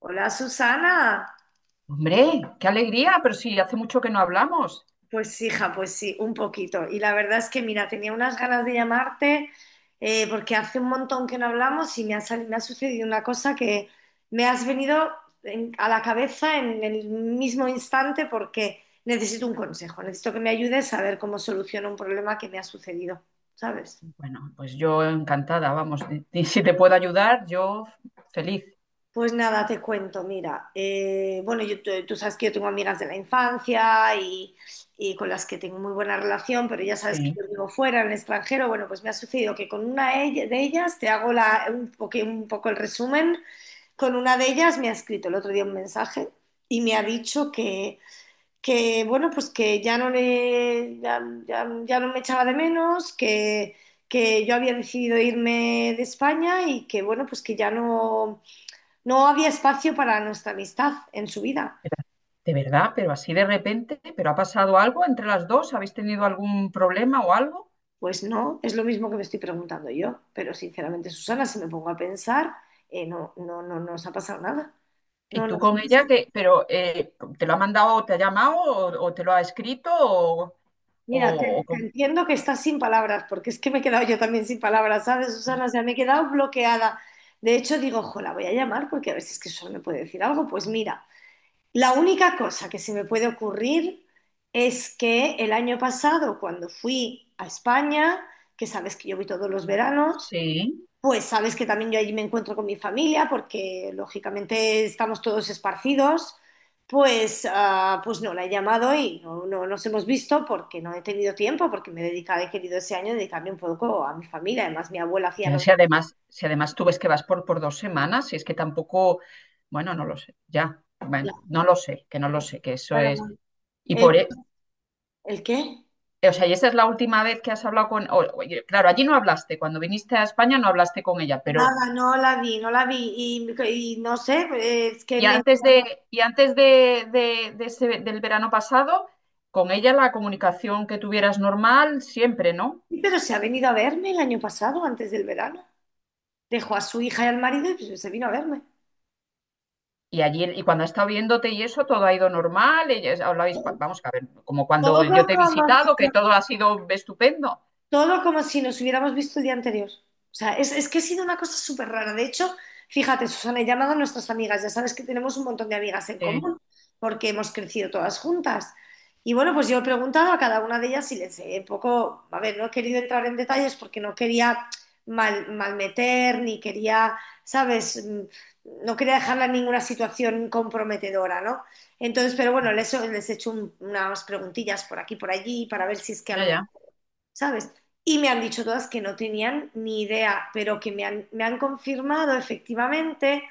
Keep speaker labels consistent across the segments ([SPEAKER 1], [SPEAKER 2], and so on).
[SPEAKER 1] Hola, Susana.
[SPEAKER 2] Hombre, qué alegría, pero sí, hace mucho que no hablamos.
[SPEAKER 1] Pues hija, pues sí, un poquito. Y la verdad es que mira, tenía unas ganas de llamarte porque hace un montón que no hablamos y me ha sucedido una cosa que me has venido a la cabeza en el mismo instante porque necesito un consejo, necesito que me ayudes a ver cómo soluciono un problema que me ha sucedido, ¿sabes?
[SPEAKER 2] Bueno, pues yo encantada, vamos, y si te puedo ayudar, yo feliz.
[SPEAKER 1] Pues nada, te cuento, mira, tú sabes que yo tengo amigas de la infancia y con las que tengo muy buena relación, pero ya sabes que
[SPEAKER 2] Sí,
[SPEAKER 1] yo vivo fuera, en el extranjero. Bueno, pues me ha sucedido que con de ellas, te hago un poco el resumen, con una de ellas me ha escrito el otro día un mensaje y me ha dicho que bueno, pues que ya no le, ya, ya- ya no me echaba de menos, que yo había decidido irme de España y que bueno, pues que no había espacio para nuestra amistad en su vida.
[SPEAKER 2] de verdad, pero así de repente, pero ¿ha pasado algo entre las dos, habéis tenido algún problema o algo?
[SPEAKER 1] Pues no, es lo mismo que me estoy preguntando yo. Pero sinceramente, Susana, si me pongo a pensar, no, no nos ha pasado nada.
[SPEAKER 2] Y
[SPEAKER 1] No, no.
[SPEAKER 2] tú
[SPEAKER 1] Sí,
[SPEAKER 2] con
[SPEAKER 1] sí,
[SPEAKER 2] ella,
[SPEAKER 1] sí.
[SPEAKER 2] que, pero ¿te lo ha mandado, te ha llamado o te lo ha escrito
[SPEAKER 1] Mira,
[SPEAKER 2] o,
[SPEAKER 1] te entiendo que estás sin palabras, porque es que me he quedado yo también sin palabras, ¿sabes, Susana? O sea, me he quedado bloqueada. De hecho, digo, ojo, la voy a llamar porque a ver si es que solo me puede decir algo. Pues mira, la única cosa que se me puede ocurrir es que el año pasado, cuando fui a España, que sabes que yo voy todos los veranos,
[SPEAKER 2] Sí.
[SPEAKER 1] pues sabes que también yo allí me encuentro con mi familia, porque lógicamente estamos todos esparcidos, pues, pues no la he llamado y no nos hemos visto porque no he tenido tiempo, porque he querido ese año dedicarme un poco a mi familia. Además, mi abuela hacía...
[SPEAKER 2] Ya, si además, si además tú ves que vas por dos semanas, si es que tampoco, bueno, no lo sé, ya, bueno, no lo sé, que no lo sé, que eso es. Y
[SPEAKER 1] ¿El,
[SPEAKER 2] por, e-
[SPEAKER 1] el qué?
[SPEAKER 2] o sea, y esa es la última vez que has hablado con, y claro, allí no hablaste, cuando viniste a España no hablaste con ella, pero,
[SPEAKER 1] Nada, no la vi y no sé, es que
[SPEAKER 2] y
[SPEAKER 1] me...
[SPEAKER 2] antes de, y antes de, del verano pasado, con ella la comunicación que tuvieras normal siempre, ¿no?
[SPEAKER 1] Pero se ha venido a verme el año pasado, antes del verano. Dejó a su hija y al marido y pues se vino a verme.
[SPEAKER 2] Y allí, y cuando ha estado viéndote y eso, todo ha ido normal, y ya hablabais, vamos a ver, como
[SPEAKER 1] Todo
[SPEAKER 2] cuando yo te he
[SPEAKER 1] como
[SPEAKER 2] visitado, que todo ha sido estupendo.
[SPEAKER 1] Todo como si nos hubiéramos visto el día anterior. O sea, es que ha sido una cosa súper rara. De hecho, fíjate, Susana, he llamado a nuestras amigas. Ya sabes que tenemos un montón de amigas en
[SPEAKER 2] Sí,
[SPEAKER 1] común porque hemos crecido todas juntas. Y bueno, pues yo he preguntado a cada una de ellas y les he un poco, a ver, no he querido entrar en detalles porque no quería malmeter, ni quería, ¿sabes? No quería dejarla en ninguna situación comprometedora, ¿no? Entonces, pero bueno, les he hecho unas preguntillas por aquí, por allí, para ver si es que a lo
[SPEAKER 2] ya,
[SPEAKER 1] mejor,
[SPEAKER 2] ya.
[SPEAKER 1] ¿sabes? Y me han dicho todas que no tenían ni idea, pero que me han confirmado efectivamente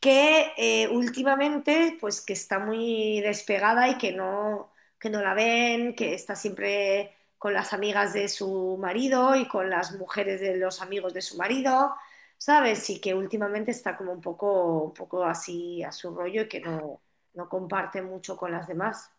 [SPEAKER 1] que últimamente, pues que está muy despegada y que no la ven, que está siempre con las amigas de su marido y con las mujeres de los amigos de su marido, ¿sabes? Y que últimamente está como un poco así a su rollo y que no, no comparte mucho con las demás.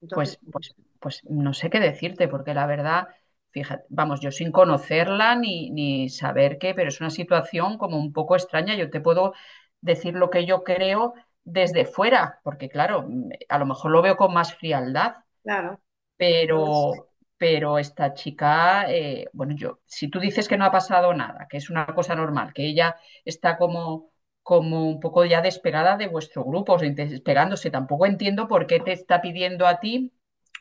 [SPEAKER 1] Entonces,
[SPEAKER 2] Pues, pues, pues no sé qué decirte, porque la verdad, fíjate, vamos, yo sin conocerla ni, ni saber qué, pero es una situación como un poco extraña. Yo te puedo decir lo que yo creo desde fuera, porque claro, a lo mejor lo veo con más frialdad,
[SPEAKER 1] claro, por eso.
[SPEAKER 2] pero esta chica, bueno, yo, si tú dices que no ha pasado nada, que es una cosa normal, que ella está como, como un poco ya desesperada de vuestro grupo, o sea, desesperándose, tampoco entiendo por qué te está pidiendo a ti,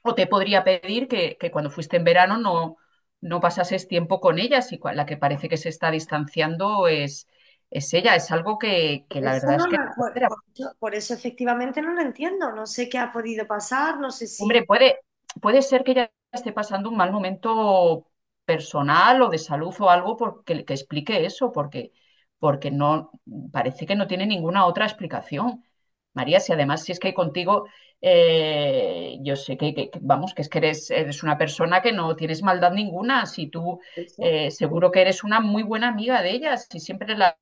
[SPEAKER 2] o te podría pedir que cuando fuiste en verano no, no pasases tiempo con ella, si la que parece que se está distanciando es ella, es algo que la
[SPEAKER 1] Eso
[SPEAKER 2] verdad
[SPEAKER 1] no
[SPEAKER 2] es que
[SPEAKER 1] lo-
[SPEAKER 2] no cuadra.
[SPEAKER 1] por eso efectivamente no lo entiendo. No sé qué ha podido pasar, no sé si...
[SPEAKER 2] Hombre, puede ser que ella esté pasando un mal momento personal o de salud o algo porque, que explique eso, porque, porque no parece que no tiene ninguna otra explicación. María, si además si es que contigo, yo sé que, vamos, que es que eres, eres una persona que no tienes maldad ninguna, si tú
[SPEAKER 1] Eso.
[SPEAKER 2] seguro que eres una muy buena amiga de ellas, si siempre la,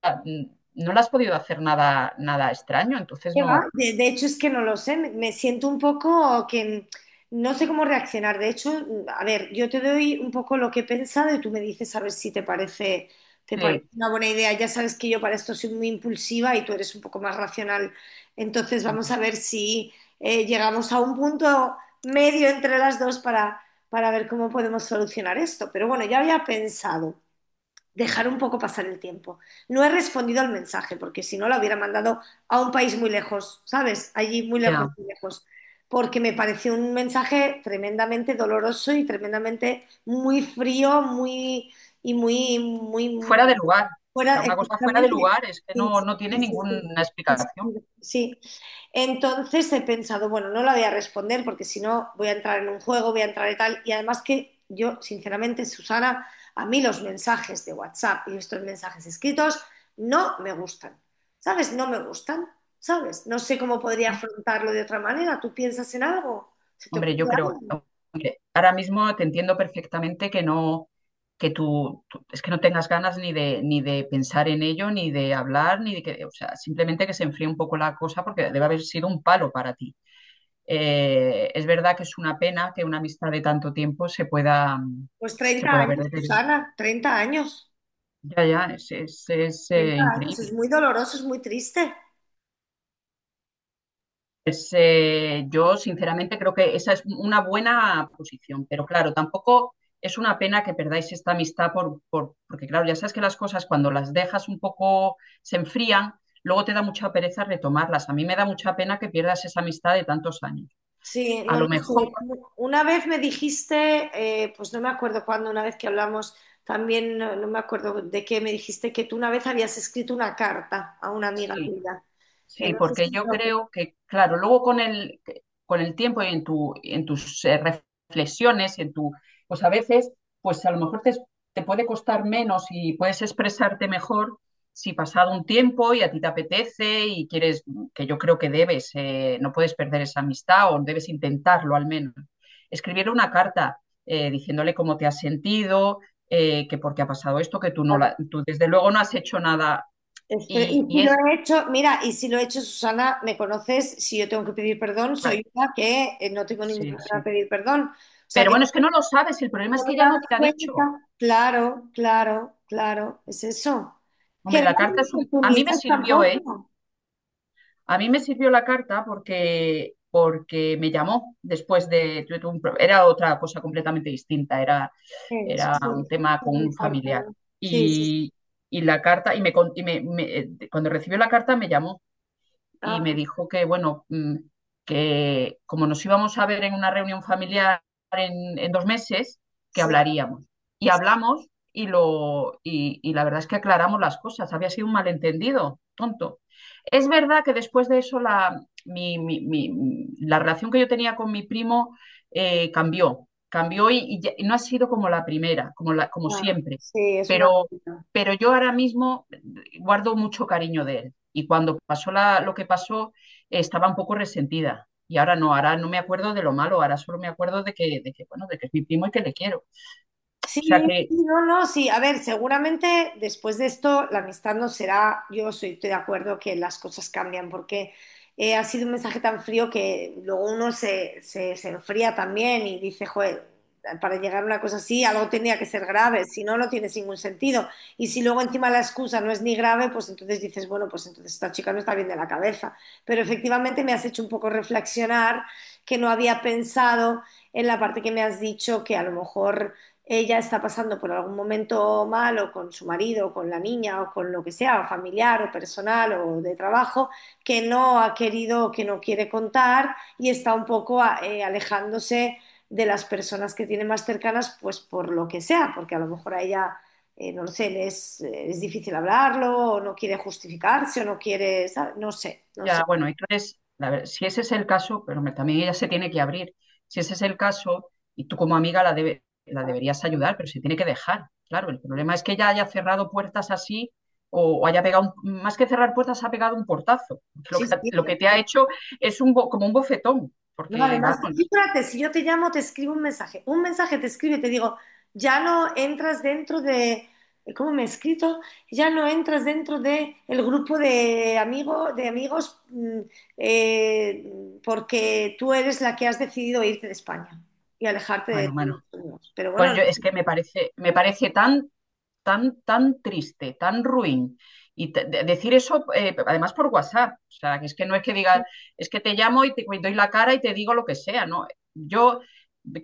[SPEAKER 2] no le has podido hacer nada, nada extraño, entonces
[SPEAKER 1] ¿Qué va?
[SPEAKER 2] no,
[SPEAKER 1] De hecho, es que no lo sé, me siento un poco que no sé cómo reaccionar. De hecho, a ver, yo te doy un poco lo que he pensado y tú me dices a ver si te parece, te parece
[SPEAKER 2] sí,
[SPEAKER 1] una buena idea. Ya sabes que yo para esto soy muy impulsiva y tú eres un poco más racional. Entonces, vamos a ver si llegamos a un punto medio entre las dos para ver cómo podemos solucionar esto. Pero bueno, ya había pensado dejar un poco pasar el tiempo. No he respondido al mensaje, porque si no lo hubiera mandado a un país muy lejos, ¿sabes? Allí muy lejos,
[SPEAKER 2] ya.
[SPEAKER 1] muy lejos. Porque me pareció un mensaje tremendamente doloroso y tremendamente muy frío, muy
[SPEAKER 2] Fuera de lugar. O
[SPEAKER 1] fuera,
[SPEAKER 2] sea, una cosa fuera de
[SPEAKER 1] efectivamente.
[SPEAKER 2] lugar es que
[SPEAKER 1] Sí,
[SPEAKER 2] no, no tiene
[SPEAKER 1] sí, sí,
[SPEAKER 2] ninguna
[SPEAKER 1] sí, sí, sí, sí.
[SPEAKER 2] explicación.
[SPEAKER 1] Sí, sí. Entonces he pensado, bueno, no la voy a responder porque si no voy a entrar en un juego, voy a entrar en tal. Y además que yo, sinceramente, Susana, a mí los mensajes de WhatsApp y estos mensajes escritos no me gustan. ¿Sabes? No me gustan. ¿Sabes? No sé cómo podría
[SPEAKER 2] ¿Mm?
[SPEAKER 1] afrontarlo de otra manera. ¿Tú piensas en algo? ¿Se te ocurre
[SPEAKER 2] Hombre, yo creo,
[SPEAKER 1] algo?
[SPEAKER 2] hombre, ahora mismo te entiendo perfectamente que no, que tú, es que no tengas ganas ni de, ni de pensar en ello, ni de hablar, ni de que, o sea, simplemente que se enfríe un poco la cosa porque debe haber sido un palo para ti. Es verdad que es una pena que una amistad de tanto tiempo
[SPEAKER 1] Pues
[SPEAKER 2] se
[SPEAKER 1] 30
[SPEAKER 2] pueda ver
[SPEAKER 1] años,
[SPEAKER 2] deteriorada.
[SPEAKER 1] Susana, 30 años.
[SPEAKER 2] Ya, ya, es,
[SPEAKER 1] Treinta años, es
[SPEAKER 2] increíble.
[SPEAKER 1] muy doloroso, es muy triste.
[SPEAKER 2] Pues yo sinceramente creo que esa es una buena posición, pero claro, tampoco es una pena que perdáis esta amistad por, porque claro, ya sabes que las cosas cuando las dejas un poco se enfrían, luego te da mucha pereza retomarlas. A mí me da mucha pena que pierdas esa amistad de tantos años.
[SPEAKER 1] Sí,
[SPEAKER 2] A
[SPEAKER 1] no
[SPEAKER 2] lo
[SPEAKER 1] lo
[SPEAKER 2] mejor
[SPEAKER 1] sé. Una vez me dijiste, pues no me acuerdo cuándo, una vez que hablamos, también no me acuerdo de qué, me dijiste que tú una vez habías escrito una carta a una amiga
[SPEAKER 2] sí.
[SPEAKER 1] tuya.
[SPEAKER 2] Sí,
[SPEAKER 1] No sé si
[SPEAKER 2] porque
[SPEAKER 1] me
[SPEAKER 2] yo
[SPEAKER 1] lo acuerdo.
[SPEAKER 2] creo que, claro, luego con el tiempo y en tu, en tus reflexiones, en tu, pues a veces, pues a lo mejor te, te puede costar menos y puedes expresarte mejor si pasado un tiempo y a ti te apetece y quieres, que yo creo que debes, no puedes perder esa amistad o debes intentarlo al menos. Escribirle una carta diciéndole cómo te has sentido, que porque ha pasado esto, que tú no la, tú desde luego no has hecho nada y,
[SPEAKER 1] Y
[SPEAKER 2] y
[SPEAKER 1] si lo
[SPEAKER 2] es,
[SPEAKER 1] he hecho, mira, y si lo he hecho, Susana, me conoces, si yo tengo que pedir perdón,
[SPEAKER 2] vale,
[SPEAKER 1] soy una que no tengo ningún
[SPEAKER 2] sí,
[SPEAKER 1] problema en
[SPEAKER 2] sí.
[SPEAKER 1] pedir perdón. O sea
[SPEAKER 2] Pero
[SPEAKER 1] que
[SPEAKER 2] bueno,
[SPEAKER 1] si
[SPEAKER 2] es que no lo sabes, el problema
[SPEAKER 1] no
[SPEAKER 2] es
[SPEAKER 1] me
[SPEAKER 2] que
[SPEAKER 1] he
[SPEAKER 2] ella no
[SPEAKER 1] dado
[SPEAKER 2] te ha dicho.
[SPEAKER 1] cuenta, claro, claro, claro, es eso. Que
[SPEAKER 2] Hombre,
[SPEAKER 1] no
[SPEAKER 2] la
[SPEAKER 1] hay
[SPEAKER 2] carta es un... A mí me
[SPEAKER 1] oportunidades
[SPEAKER 2] sirvió, ¿eh?
[SPEAKER 1] tampoco.
[SPEAKER 2] A mí me sirvió la carta porque, porque me llamó después de... tuve un era otra cosa completamente distinta, era,
[SPEAKER 1] Eso
[SPEAKER 2] era
[SPEAKER 1] sí,
[SPEAKER 2] un
[SPEAKER 1] sí,
[SPEAKER 2] tema
[SPEAKER 1] sí,
[SPEAKER 2] con
[SPEAKER 1] me
[SPEAKER 2] un
[SPEAKER 1] importa,
[SPEAKER 2] familiar.
[SPEAKER 1] ¿no? Sí, sí, sí.
[SPEAKER 2] Y, y la carta, y, me, y cuando recibió la carta me llamó y
[SPEAKER 1] Ah,
[SPEAKER 2] me
[SPEAKER 1] pues,
[SPEAKER 2] dijo que, bueno, que como nos íbamos a ver en una reunión familiar en dos meses, que
[SPEAKER 1] sí,
[SPEAKER 2] hablaríamos. Y
[SPEAKER 1] sí,
[SPEAKER 2] hablamos y, lo, y la verdad es que aclaramos las cosas. Había sido un malentendido tonto. Es verdad que después de eso la, la relación que yo tenía con mi primo cambió, cambió y, y no ha sido como la primera, como, la, como
[SPEAKER 1] ah,
[SPEAKER 2] siempre,
[SPEAKER 1] sí, es una
[SPEAKER 2] pero,
[SPEAKER 1] pena.
[SPEAKER 2] pero yo ahora mismo guardo mucho cariño de él. Y cuando pasó la, lo que pasó, estaba un poco resentida. Y ahora no me acuerdo de lo malo, ahora solo me acuerdo de que, bueno, de que es mi primo y que le quiero.
[SPEAKER 1] Sí,
[SPEAKER 2] O sea que
[SPEAKER 1] sí, no, no, sí. A ver, seguramente después de esto la amistad no será, yo soy, estoy de acuerdo que las cosas cambian porque ha sido un mensaje tan frío que luego uno se enfría también y dice, joder, para llegar a una cosa así algo tenía que ser grave, si no, no tiene ningún sentido. Y si luego encima la excusa no es ni grave, pues entonces dices, bueno, pues entonces esta chica no está bien de la cabeza. Pero efectivamente me has hecho un poco reflexionar que no había pensado en la parte que me has dicho que a lo mejor ella está pasando por algún momento malo con su marido, o con la niña, o con lo que sea, o familiar, o personal, o de trabajo, que no ha querido, que no quiere contar y está un poco alejándose de las personas que tiene más cercanas, pues por lo que sea, porque a lo mejor a ella, no lo sé, es difícil hablarlo, o no quiere justificarse, o no quiere, ¿sabe? No sé, no
[SPEAKER 2] ya,
[SPEAKER 1] sé.
[SPEAKER 2] bueno, entonces, la si ese es el caso, pero también ella se tiene que abrir. Si ese es el caso, y tú como amiga la, la deberías ayudar, pero se tiene que dejar. Claro, el problema es que ella haya cerrado puertas así o haya pegado, más que cerrar puertas, ha pegado un portazo.
[SPEAKER 1] Sí, sí, sí.
[SPEAKER 2] Lo que te ha hecho es un, como un bofetón,
[SPEAKER 1] No,
[SPEAKER 2] porque
[SPEAKER 1] además, tú
[SPEAKER 2] vamos,
[SPEAKER 1] fíjate, si yo te llamo, te escribo un mensaje. Un mensaje te escribe, y te digo, ya no entras dentro de, ¿cómo me he escrito? Ya no entras dentro de el grupo de amigos, porque tú eres la que has decidido irte de España y alejarte de
[SPEAKER 2] bueno, bueno.
[SPEAKER 1] tus amigos. Pero bueno,
[SPEAKER 2] Bueno,
[SPEAKER 1] no
[SPEAKER 2] yo es que me parece tan tan, tan triste, tan ruin. Y decir eso, además por WhatsApp, o sea, que es que no es que diga, es que te llamo y te y doy la cara y te digo lo que sea, ¿no? Yo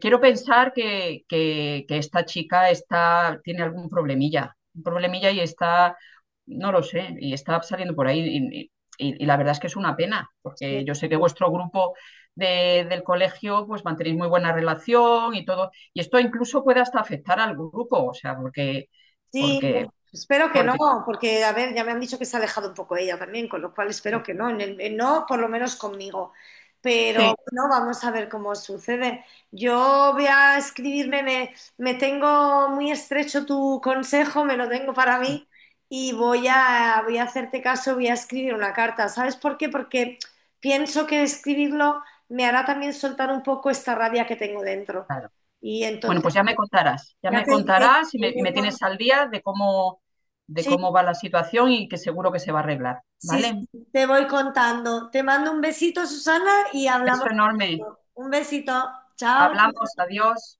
[SPEAKER 2] quiero pensar que, que esta chica está, tiene algún problemilla, un problemilla y está, no lo sé, y está saliendo por ahí. Y, y la verdad es que es una pena,
[SPEAKER 1] sé.
[SPEAKER 2] porque yo sé que vuestro grupo del colegio, pues mantenéis muy buena relación y todo, y esto incluso puede hasta afectar al grupo, o sea, porque
[SPEAKER 1] Sí,
[SPEAKER 2] porque,
[SPEAKER 1] bueno, espero que no,
[SPEAKER 2] porque,
[SPEAKER 1] porque a ver, ya me han dicho que se ha alejado un poco ella también, con lo cual espero que no, en no por lo menos conmigo. Pero
[SPEAKER 2] sí,
[SPEAKER 1] no, vamos a ver cómo sucede. Yo voy a escribirme, me tengo muy estrecho tu consejo, me lo tengo para
[SPEAKER 2] sí,
[SPEAKER 1] mí y voy a hacerte caso, voy a escribir una carta. ¿Sabes por qué? Porque pienso que escribirlo me hará también soltar un poco esta rabia que tengo dentro.
[SPEAKER 2] claro.
[SPEAKER 1] Y
[SPEAKER 2] Bueno,
[SPEAKER 1] entonces,
[SPEAKER 2] pues ya me contarás
[SPEAKER 1] te
[SPEAKER 2] y
[SPEAKER 1] iré
[SPEAKER 2] me tienes al día de
[SPEAKER 1] sí.
[SPEAKER 2] cómo va la situación, y que seguro que se va a arreglar,
[SPEAKER 1] Sí, sí,
[SPEAKER 2] ¿vale?
[SPEAKER 1] te voy contando. Te mando un besito, Susana, y hablamos
[SPEAKER 2] Beso enorme.
[SPEAKER 1] pronto. Un besito.
[SPEAKER 2] Hablamos,
[SPEAKER 1] Chao.
[SPEAKER 2] adiós.